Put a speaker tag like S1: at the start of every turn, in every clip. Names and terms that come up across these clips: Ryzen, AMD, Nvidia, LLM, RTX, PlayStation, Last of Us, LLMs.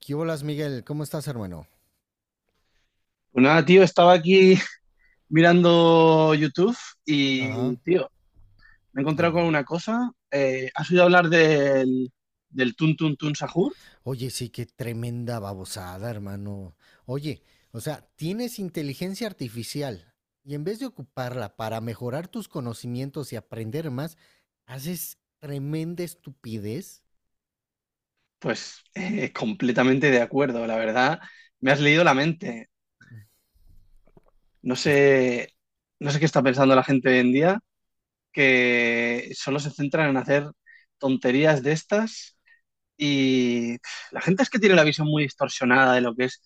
S1: ¿Qué bolas, Miguel? ¿Cómo estás, hermano?
S2: Pues nada, tío, estaba aquí mirando YouTube y,
S1: Ajá,
S2: tío, me he encontrado
S1: dime.
S2: con una cosa. ¿Has oído hablar del Tun Tun Tun Sahur?
S1: Oye, sí, qué tremenda babosada, hermano. Oye, o sea, tienes inteligencia artificial y en vez de ocuparla para mejorar tus conocimientos y aprender más, haces tremenda estupidez.
S2: Pues completamente de acuerdo, la verdad. Me has leído la mente. No
S1: Es-
S2: sé, no sé qué está pensando la gente hoy en día, que solo se centran en hacer tonterías de estas y la gente es que tiene la visión muy distorsionada de lo que es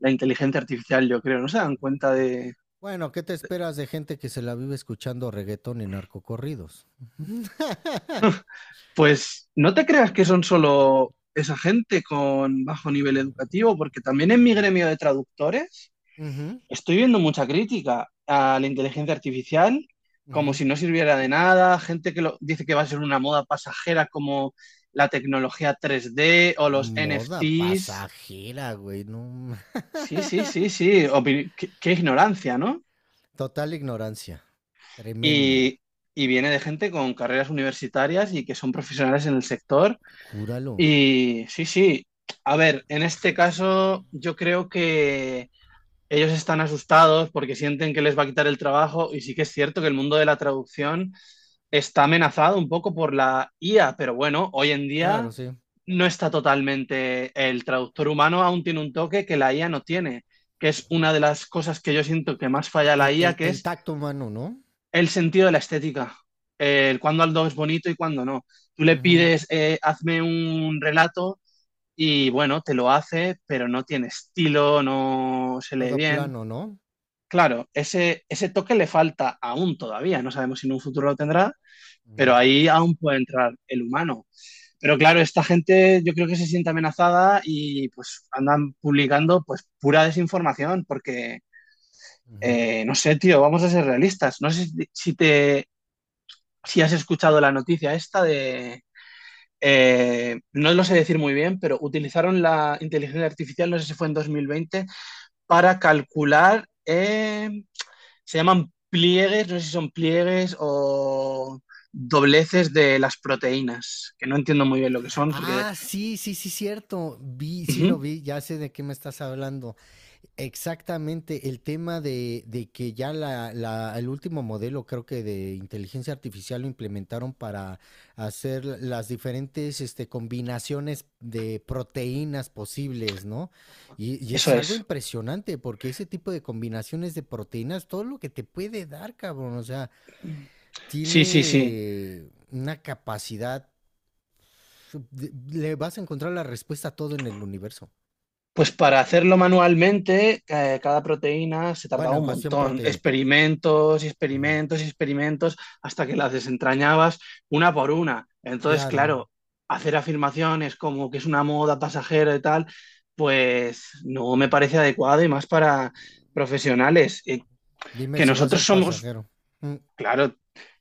S2: la inteligencia artificial, yo creo. No se dan cuenta.
S1: Bueno, ¿qué te esperas de gente que se la vive escuchando reggaetón y narcocorridos?
S2: Pues no te creas que son solo esa gente con bajo nivel educativo, porque también en mi gremio de traductores
S1: Ujú,
S2: estoy viendo mucha crítica a la inteligencia artificial, como
S1: ujú.
S2: si no sirviera de nada, gente que dice que va a ser una moda pasajera como la tecnología 3D o los
S1: Moda
S2: NFTs.
S1: pasajera, güey, no.
S2: Sí, sí, sí, sí, qué ignorancia, ¿no?
S1: Total ignorancia. Tremenda.
S2: Y, y viene de gente con carreras universitarias y que son profesionales en el sector.
S1: Júralo.
S2: Y sí, sí. A ver, en este caso yo creo que ellos están asustados porque sienten que les va a quitar el trabajo y sí que es cierto que el mundo de la traducción está amenazado un poco por la IA, pero bueno, hoy en
S1: Claro,
S2: día
S1: sí.
S2: no está totalmente. El traductor humano aún tiene un toque que la IA no tiene, que es una de las cosas que yo siento que más falla la
S1: El, el-
S2: IA, que
S1: el
S2: es
S1: tacto humano, ¿no?
S2: el sentido de la estética, el cuándo algo es bonito y cuándo no. Tú le
S1: Ujú.
S2: pides, hazme un relato y bueno, te lo hace, pero no tiene estilo, no se lee
S1: Todo
S2: bien.
S1: plano, ¿no?
S2: Claro, ese toque le falta aún todavía, no sabemos si en un futuro lo tendrá, pero
S1: Ujú,
S2: ahí aún puede entrar el humano. Pero claro, esta gente yo creo que se siente amenazada y pues andan publicando pues pura desinformación porque,
S1: ujú.
S2: eh, no sé, tío, vamos a ser realistas. No sé si, si has escuchado la noticia esta de, no lo sé decir muy bien, pero utilizaron la inteligencia artificial, no sé si fue en 2020, para calcular, se llaman pliegues, no sé si son pliegues o dobleces de las proteínas, que no entiendo muy bien lo que son, porque...
S1: Ah, sí, sí, sí, cierto. Vi, sí lo
S2: Ujú,
S1: vi, ya sé de qué me estás hablando. Exactamente, el tema de que ya el último modelo, creo que de inteligencia artificial, lo implementaron para hacer las diferentes combinaciones de proteínas posibles, ¿no? Y es
S2: eso
S1: algo
S2: es.
S1: impresionante porque ese tipo de combinaciones de proteínas, todo lo que te puede dar, cabrón, o sea,
S2: Sí, sí, sí.
S1: tiene una capacidad, de- Le vas a encontrar la respuesta a todo en el universo.
S2: Pues para hacerlo manualmente, cada proteína se
S1: Bueno,
S2: tardaba
S1: en
S2: un
S1: cuestión
S2: montón,
S1: proteínica.
S2: experimentos y
S1: Ujú.
S2: experimentos y experimentos hasta que las desentrañabas una por una. Entonces,
S1: Claro.
S2: claro, hacer afirmaciones como que es una moda pasajera y tal, pues no me
S1: Mm.
S2: parece adecuado y más para profesionales.
S1: Dime
S2: Que
S1: si va a
S2: nosotros
S1: ser
S2: somos,
S1: pasajero. Mm,
S2: claro,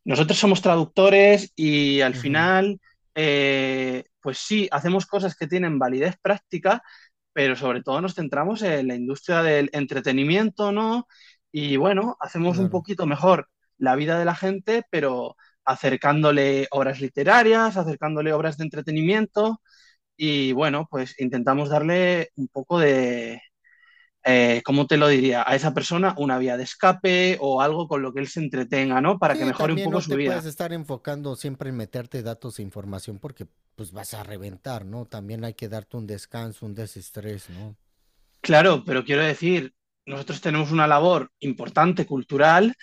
S2: nosotros somos traductores y al
S1: ujú,
S2: final, pues sí, hacemos cosas que tienen validez práctica, pero sobre todo nos centramos en la industria del entretenimiento, ¿no? Y bueno, hacemos un
S1: claro.
S2: poquito mejor la vida de la gente, pero acercándole obras literarias, acercándole obras de entretenimiento y bueno, pues intentamos darle un poco de, ¿cómo te lo diría? A esa persona una vía de escape o algo con lo que él se entretenga, ¿no? Para que
S1: Sí,
S2: mejore un
S1: también
S2: poco
S1: no
S2: su
S1: te puedes
S2: vida.
S1: estar enfocando siempre en meterte datos e información porque pues vas a reventar, ¿no? También hay que darte un descanso, un desestrés, ¿no?
S2: Claro, pero quiero decir, nosotros tenemos una labor importante, cultural,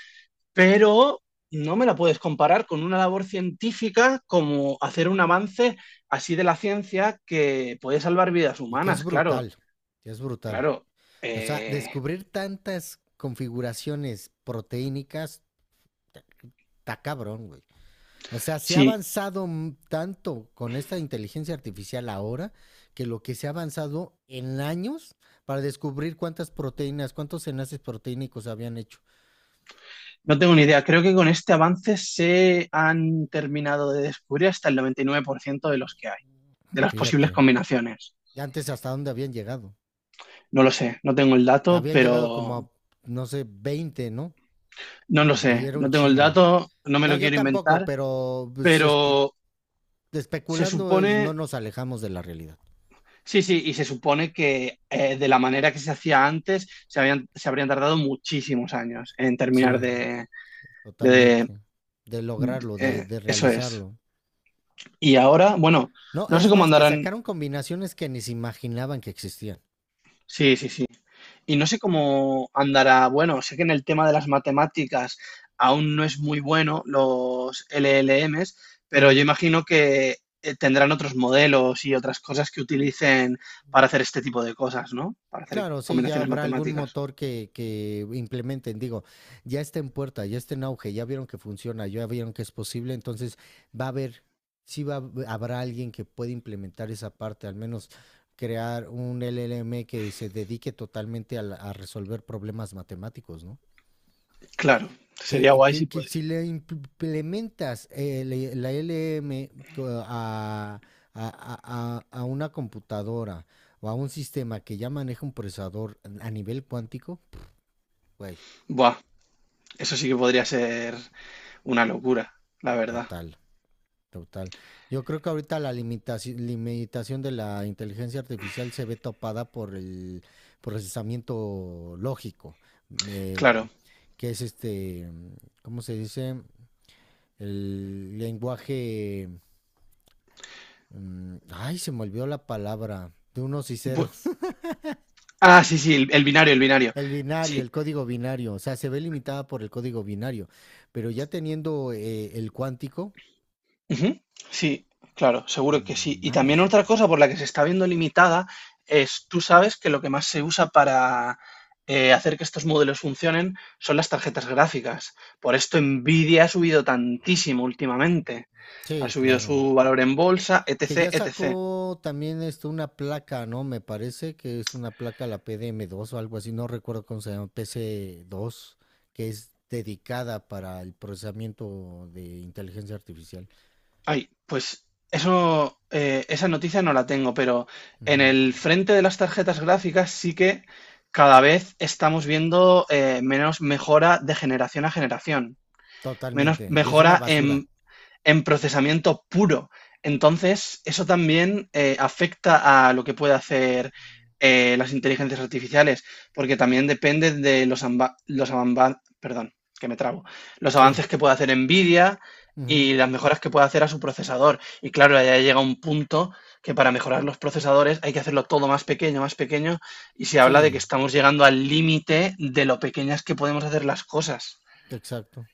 S2: pero no me la puedes comparar con una labor científica como hacer un avance así de la ciencia que puede salvar vidas
S1: Y que es
S2: humanas, claro,
S1: brutal, que es brutal.
S2: claro.
S1: O sea,
S2: eh,
S1: descubrir tantas configuraciones proteínicas, está cabrón, güey. O sea, se ha
S2: sí,
S1: avanzado tanto con esta inteligencia artificial ahora que lo que se ha avanzado en años para descubrir cuántas proteínas, cuántos enlaces proteínicos habían hecho.
S2: no tengo ni idea. Creo que con este avance se han terminado de descubrir hasta el 99% de los que hay, de las posibles
S1: Fíjate,
S2: combinaciones.
S1: antes hasta dónde habían llegado.
S2: No lo sé, no tengo el dato,
S1: Habían llegado como
S2: pero
S1: a, no sé, 20, ¿no?
S2: no lo
S1: Y
S2: sé,
S1: era un
S2: no tengo el
S1: chingo.
S2: dato, no me
S1: No,
S2: lo
S1: yo
S2: quiero
S1: tampoco,
S2: inventar,
S1: pero pues,
S2: pero se
S1: especulando
S2: supone,
S1: no nos alejamos de la realidad.
S2: sí, sí, y se supone que de la manera que se hacía antes, se habrían tardado muchísimos años en terminar
S1: Sí,
S2: de,
S1: totalmente. De
S2: de
S1: lograrlo, de
S2: eso es.
S1: realizarlo.
S2: Y ahora, bueno,
S1: No,
S2: no sé
S1: es
S2: cómo
S1: más, que
S2: andarán.
S1: sacaron combinaciones que ni se imaginaban que existían.
S2: Sí, sí, sí. Y no sé cómo andará. Bueno, sé que en el tema de las matemáticas aún no es muy bueno los LLMs, pero yo
S1: Ujú.
S2: imagino que tendrán otros modelos y otras cosas que utilicen para hacer este tipo de cosas, ¿no? Para hacer
S1: Claro, sí, ya
S2: combinaciones
S1: habrá algún
S2: matemáticas.
S1: motor que- que implementen. Digo, ya está en puerta, ya está en auge, ya vieron que funciona, ya vieron que es posible, entonces va a haber, habrá alguien que pueda implementar esa parte, al menos crear un LLM que se dedique totalmente a, a resolver problemas matemáticos, ¿no?
S2: Claro, sería
S1: que,
S2: guay
S1: que-
S2: si
S1: que
S2: puede.
S1: si le implementas la LM a una computadora o a un sistema que ya maneja un procesador a nivel cuántico, güey,
S2: Buah, eso sí que podría ser una locura, la verdad.
S1: total, total. Yo creo que ahorita la limitación, limitación de la inteligencia artificial se ve topada por el procesamiento lógico, eh,
S2: Claro.
S1: que es este, ¿cómo se dice? El lenguaje ay, se me olvidó la palabra de unos y
S2: Bu-
S1: ceros.
S2: ah, sí, sí, el binario, el binario.
S1: El binario,
S2: Sí.
S1: el código binario. O sea, se ve limitada por el código binario. Pero ya teniendo el cuántico.
S2: Ujú. Sí, claro, seguro que sí. Y también
S1: Mames,
S2: otra
S1: güey.
S2: cosa por la que se está viendo limitada es, tú sabes que lo que más se usa para hacer que estos modelos funcionen son las tarjetas gráficas. Por esto Nvidia ha subido tantísimo últimamente. Ha
S1: Sí,
S2: subido
S1: claro.
S2: su valor en bolsa,
S1: Que
S2: etc,
S1: ya
S2: etc.
S1: sacó también esto, una placa, ¿no? Me parece que es una placa, la pdm dos o algo así. No recuerdo cómo se llama. Pc dos que es dedicada para el procesamiento de inteligencia artificial.
S2: Ay, pues eso, esa noticia no la tengo, pero en
S1: Ujú.
S2: el frente de las tarjetas gráficas sí que cada vez estamos viendo menos mejora de generación a generación, menos
S1: Totalmente. Y es una
S2: mejora
S1: basura.
S2: en procesamiento puro. Entonces, eso también afecta a lo que puede hacer las inteligencias artificiales, porque también depende de perdón, que me trabo, los
S1: Sí.
S2: avances que pueda hacer Nvidia
S1: Ujú.
S2: y las mejoras que pueda hacer a su procesador. Y claro, ya llega un punto que para mejorar los procesadores hay que hacerlo todo más pequeño, y se habla de que
S1: Sí.
S2: estamos llegando al límite de lo pequeñas que podemos hacer las cosas.
S1: Exacto.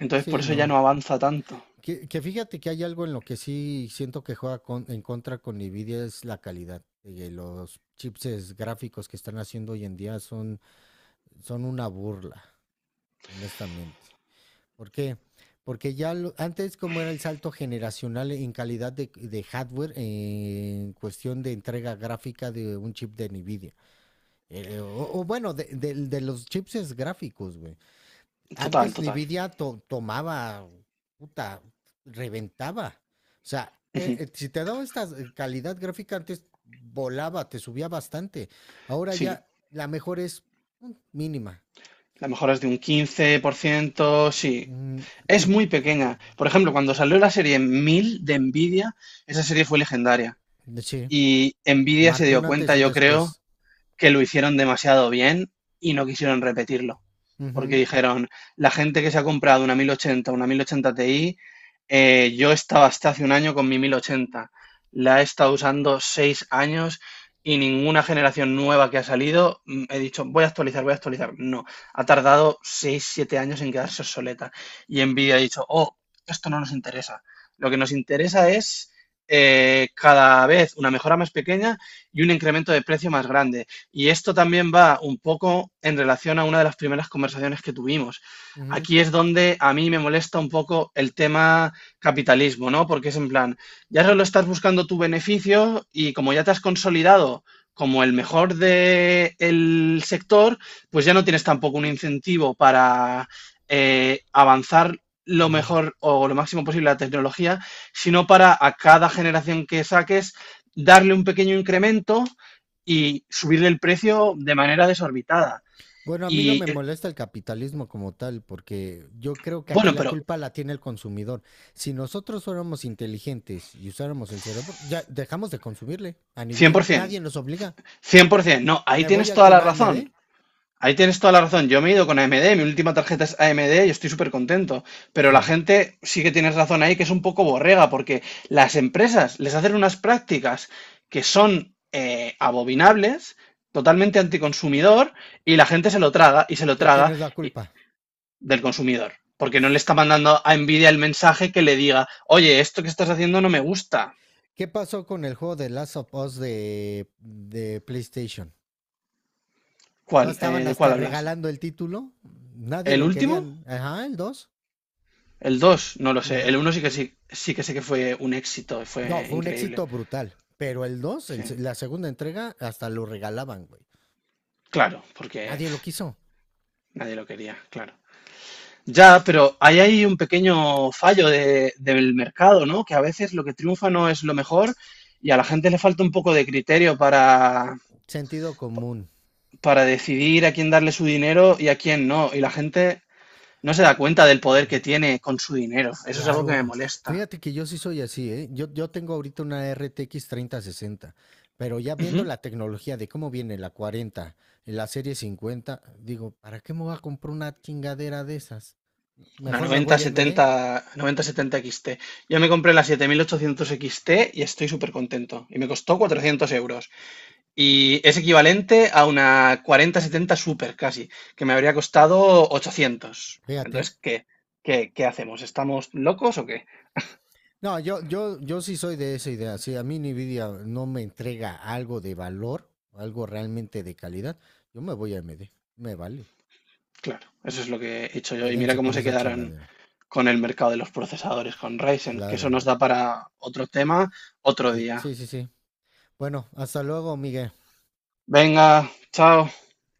S2: Entonces, por
S1: Sí,
S2: eso ya
S1: no.
S2: no avanza tanto.
S1: Que fíjate que hay algo en lo que sí siento que juega en contra con Nvidia es la calidad. Los chips gráficos que están haciendo hoy en día son una burla, honestamente. ¿Por qué? Porque ya antes como era el salto generacional en calidad de hardware, en cuestión de entrega gráfica de un chip de Nvidia. Eh, o, o bueno, de los chips gráficos, güey.
S2: Total,
S1: Antes
S2: total.
S1: Nvidia tomaba, puta, reventaba. O sea,
S2: Ujú.
S1: si te daba esta calidad gráfica antes volaba, te subía bastante. Ahora
S2: Sí,
S1: ya la mejor es mínima.
S2: la mejora es de un 15% sí.
S1: Mm,
S2: Es
S1: y
S2: muy pequeña. Por ejemplo, cuando salió la serie 1000 de Nvidia, esa serie fue legendaria.
S1: sí,
S2: Y Nvidia se
S1: marcó
S2: dio
S1: un antes y
S2: cuenta,
S1: un
S2: yo creo,
S1: después.
S2: que lo hicieron demasiado bien y no quisieron repetirlo. Porque
S1: Ujú,
S2: dijeron, la gente que se ha comprado una 1080, una 1080 Ti, yo estaba hasta hace un año con mi 1080. La he estado usando 6 años y ninguna generación nueva que ha salido, he dicho, voy a actualizar, voy a actualizar. No, ha tardado 6 7 años en quedarse obsoleta. Y Nvidia ha dicho, oh, esto no nos interesa. Lo que nos interesa es cada vez una mejora más pequeña y un incremento de precio más grande. Y esto también va un poco en relación a una de las primeras conversaciones que tuvimos.
S1: ujú,
S2: Aquí es donde a mí me molesta un poco el tema capitalismo, ¿no? Porque es en plan, ya solo estás buscando tu beneficio y como ya te has consolidado como el mejor del sector, pues ya no tienes tampoco un incentivo para avanzar lo
S1: ujú.
S2: mejor o lo máximo posible la tecnología, sino para a cada generación que saques darle un pequeño incremento y subirle el precio de manera desorbitada.
S1: Bueno, a mí no
S2: Y
S1: me molesta el capitalismo como tal, porque yo creo que aquí
S2: bueno,
S1: la
S2: pero
S1: culpa la tiene el consumidor. Si nosotros fuéramos inteligentes y usáramos el cerebro, ya dejamos de consumirle a
S2: cien
S1: Nvidia.
S2: por ciento, cien
S1: Nadie nos
S2: por
S1: obliga.
S2: 100%, no, ahí
S1: ¿Me voy
S2: tienes
S1: a
S2: toda
S1: con
S2: la razón.
S1: AMD?
S2: Ahí tienes toda la razón. Yo me he ido con AMD, mi última tarjeta es AMD y estoy súper contento. Pero la
S1: Sí.
S2: gente sí que tienes razón ahí, que es un poco borrega, porque las empresas les hacen unas prácticas que son abominables, totalmente anticonsumidor, y la gente se lo traga y se lo
S1: ¿De quién
S2: traga.
S1: es la
S2: Y
S1: culpa?
S2: del consumidor, porque no le está mandando a Nvidia el mensaje que le diga, oye, esto que estás haciendo no me gusta.
S1: ¿Qué pasó con el juego de Last of Us de PlayStation? ¿No
S2: ¿Cuál?
S1: estaban
S2: ¿De
S1: hasta
S2: cuál hablas?
S1: regalando el título? Nadie
S2: ¿El
S1: lo
S2: último?
S1: querían. Ajá, el 2.
S2: ¿El dos? No lo sé.
S1: Ujú.
S2: El uno sí que sí, sí que sé que fue un éxito,
S1: No,
S2: fue
S1: fue un
S2: increíble.
S1: éxito brutal. Pero el dos,
S2: Sí.
S1: la segunda entrega, hasta lo regalaban, güey.
S2: Claro, porque
S1: Nadie lo quiso.
S2: nadie lo quería, claro. Ya, pero ahí hay un pequeño fallo del mercado, ¿no? Que a veces lo que triunfa no es lo mejor y a la gente le falta un poco de criterio
S1: Sentido común.
S2: para decidir a quién darle su dinero y a quién no. Y la gente no se da cuenta del poder que tiene con su dinero. Eso es algo que me
S1: Claro.
S2: molesta.
S1: Fíjate que yo sí soy así, ¿eh? Yo tengo ahorita una RTX 60, pero ya viendo
S2: Ujú.
S1: la tecnología de cómo viene la 40, la serie 50, digo, ¿para qué me voy a comprar una chingadera de esas?
S2: Una
S1: Mejor me voy a AMD.
S2: 9070, 9070 XT. Yo me compré la 7800 XT y estoy súper contento. Y me costó 400 euros. Y es equivalente a una 4070 Super casi, que me habría costado 800.
S1: Fíjate.
S2: Entonces, ¿qué? ¿Qué, qué hacemos? ¿Estamos locos o qué?
S1: No, yo sí soy de esa idea. Si a mí Nvidia no me entrega algo de valor, algo realmente de calidad, yo me voy a AMD. Me vale.
S2: Claro, eso es lo que he hecho yo. Y
S1: Quédense
S2: mira
S1: con
S2: cómo se
S1: esa
S2: quedaron
S1: chingadera.
S2: con el mercado de los procesadores, con Ryzen, que eso
S1: Claro.
S2: nos da para otro tema otro día.
S1: Sí, sí, sí. Bueno, hasta luego, Miguel.
S2: Venga, chao.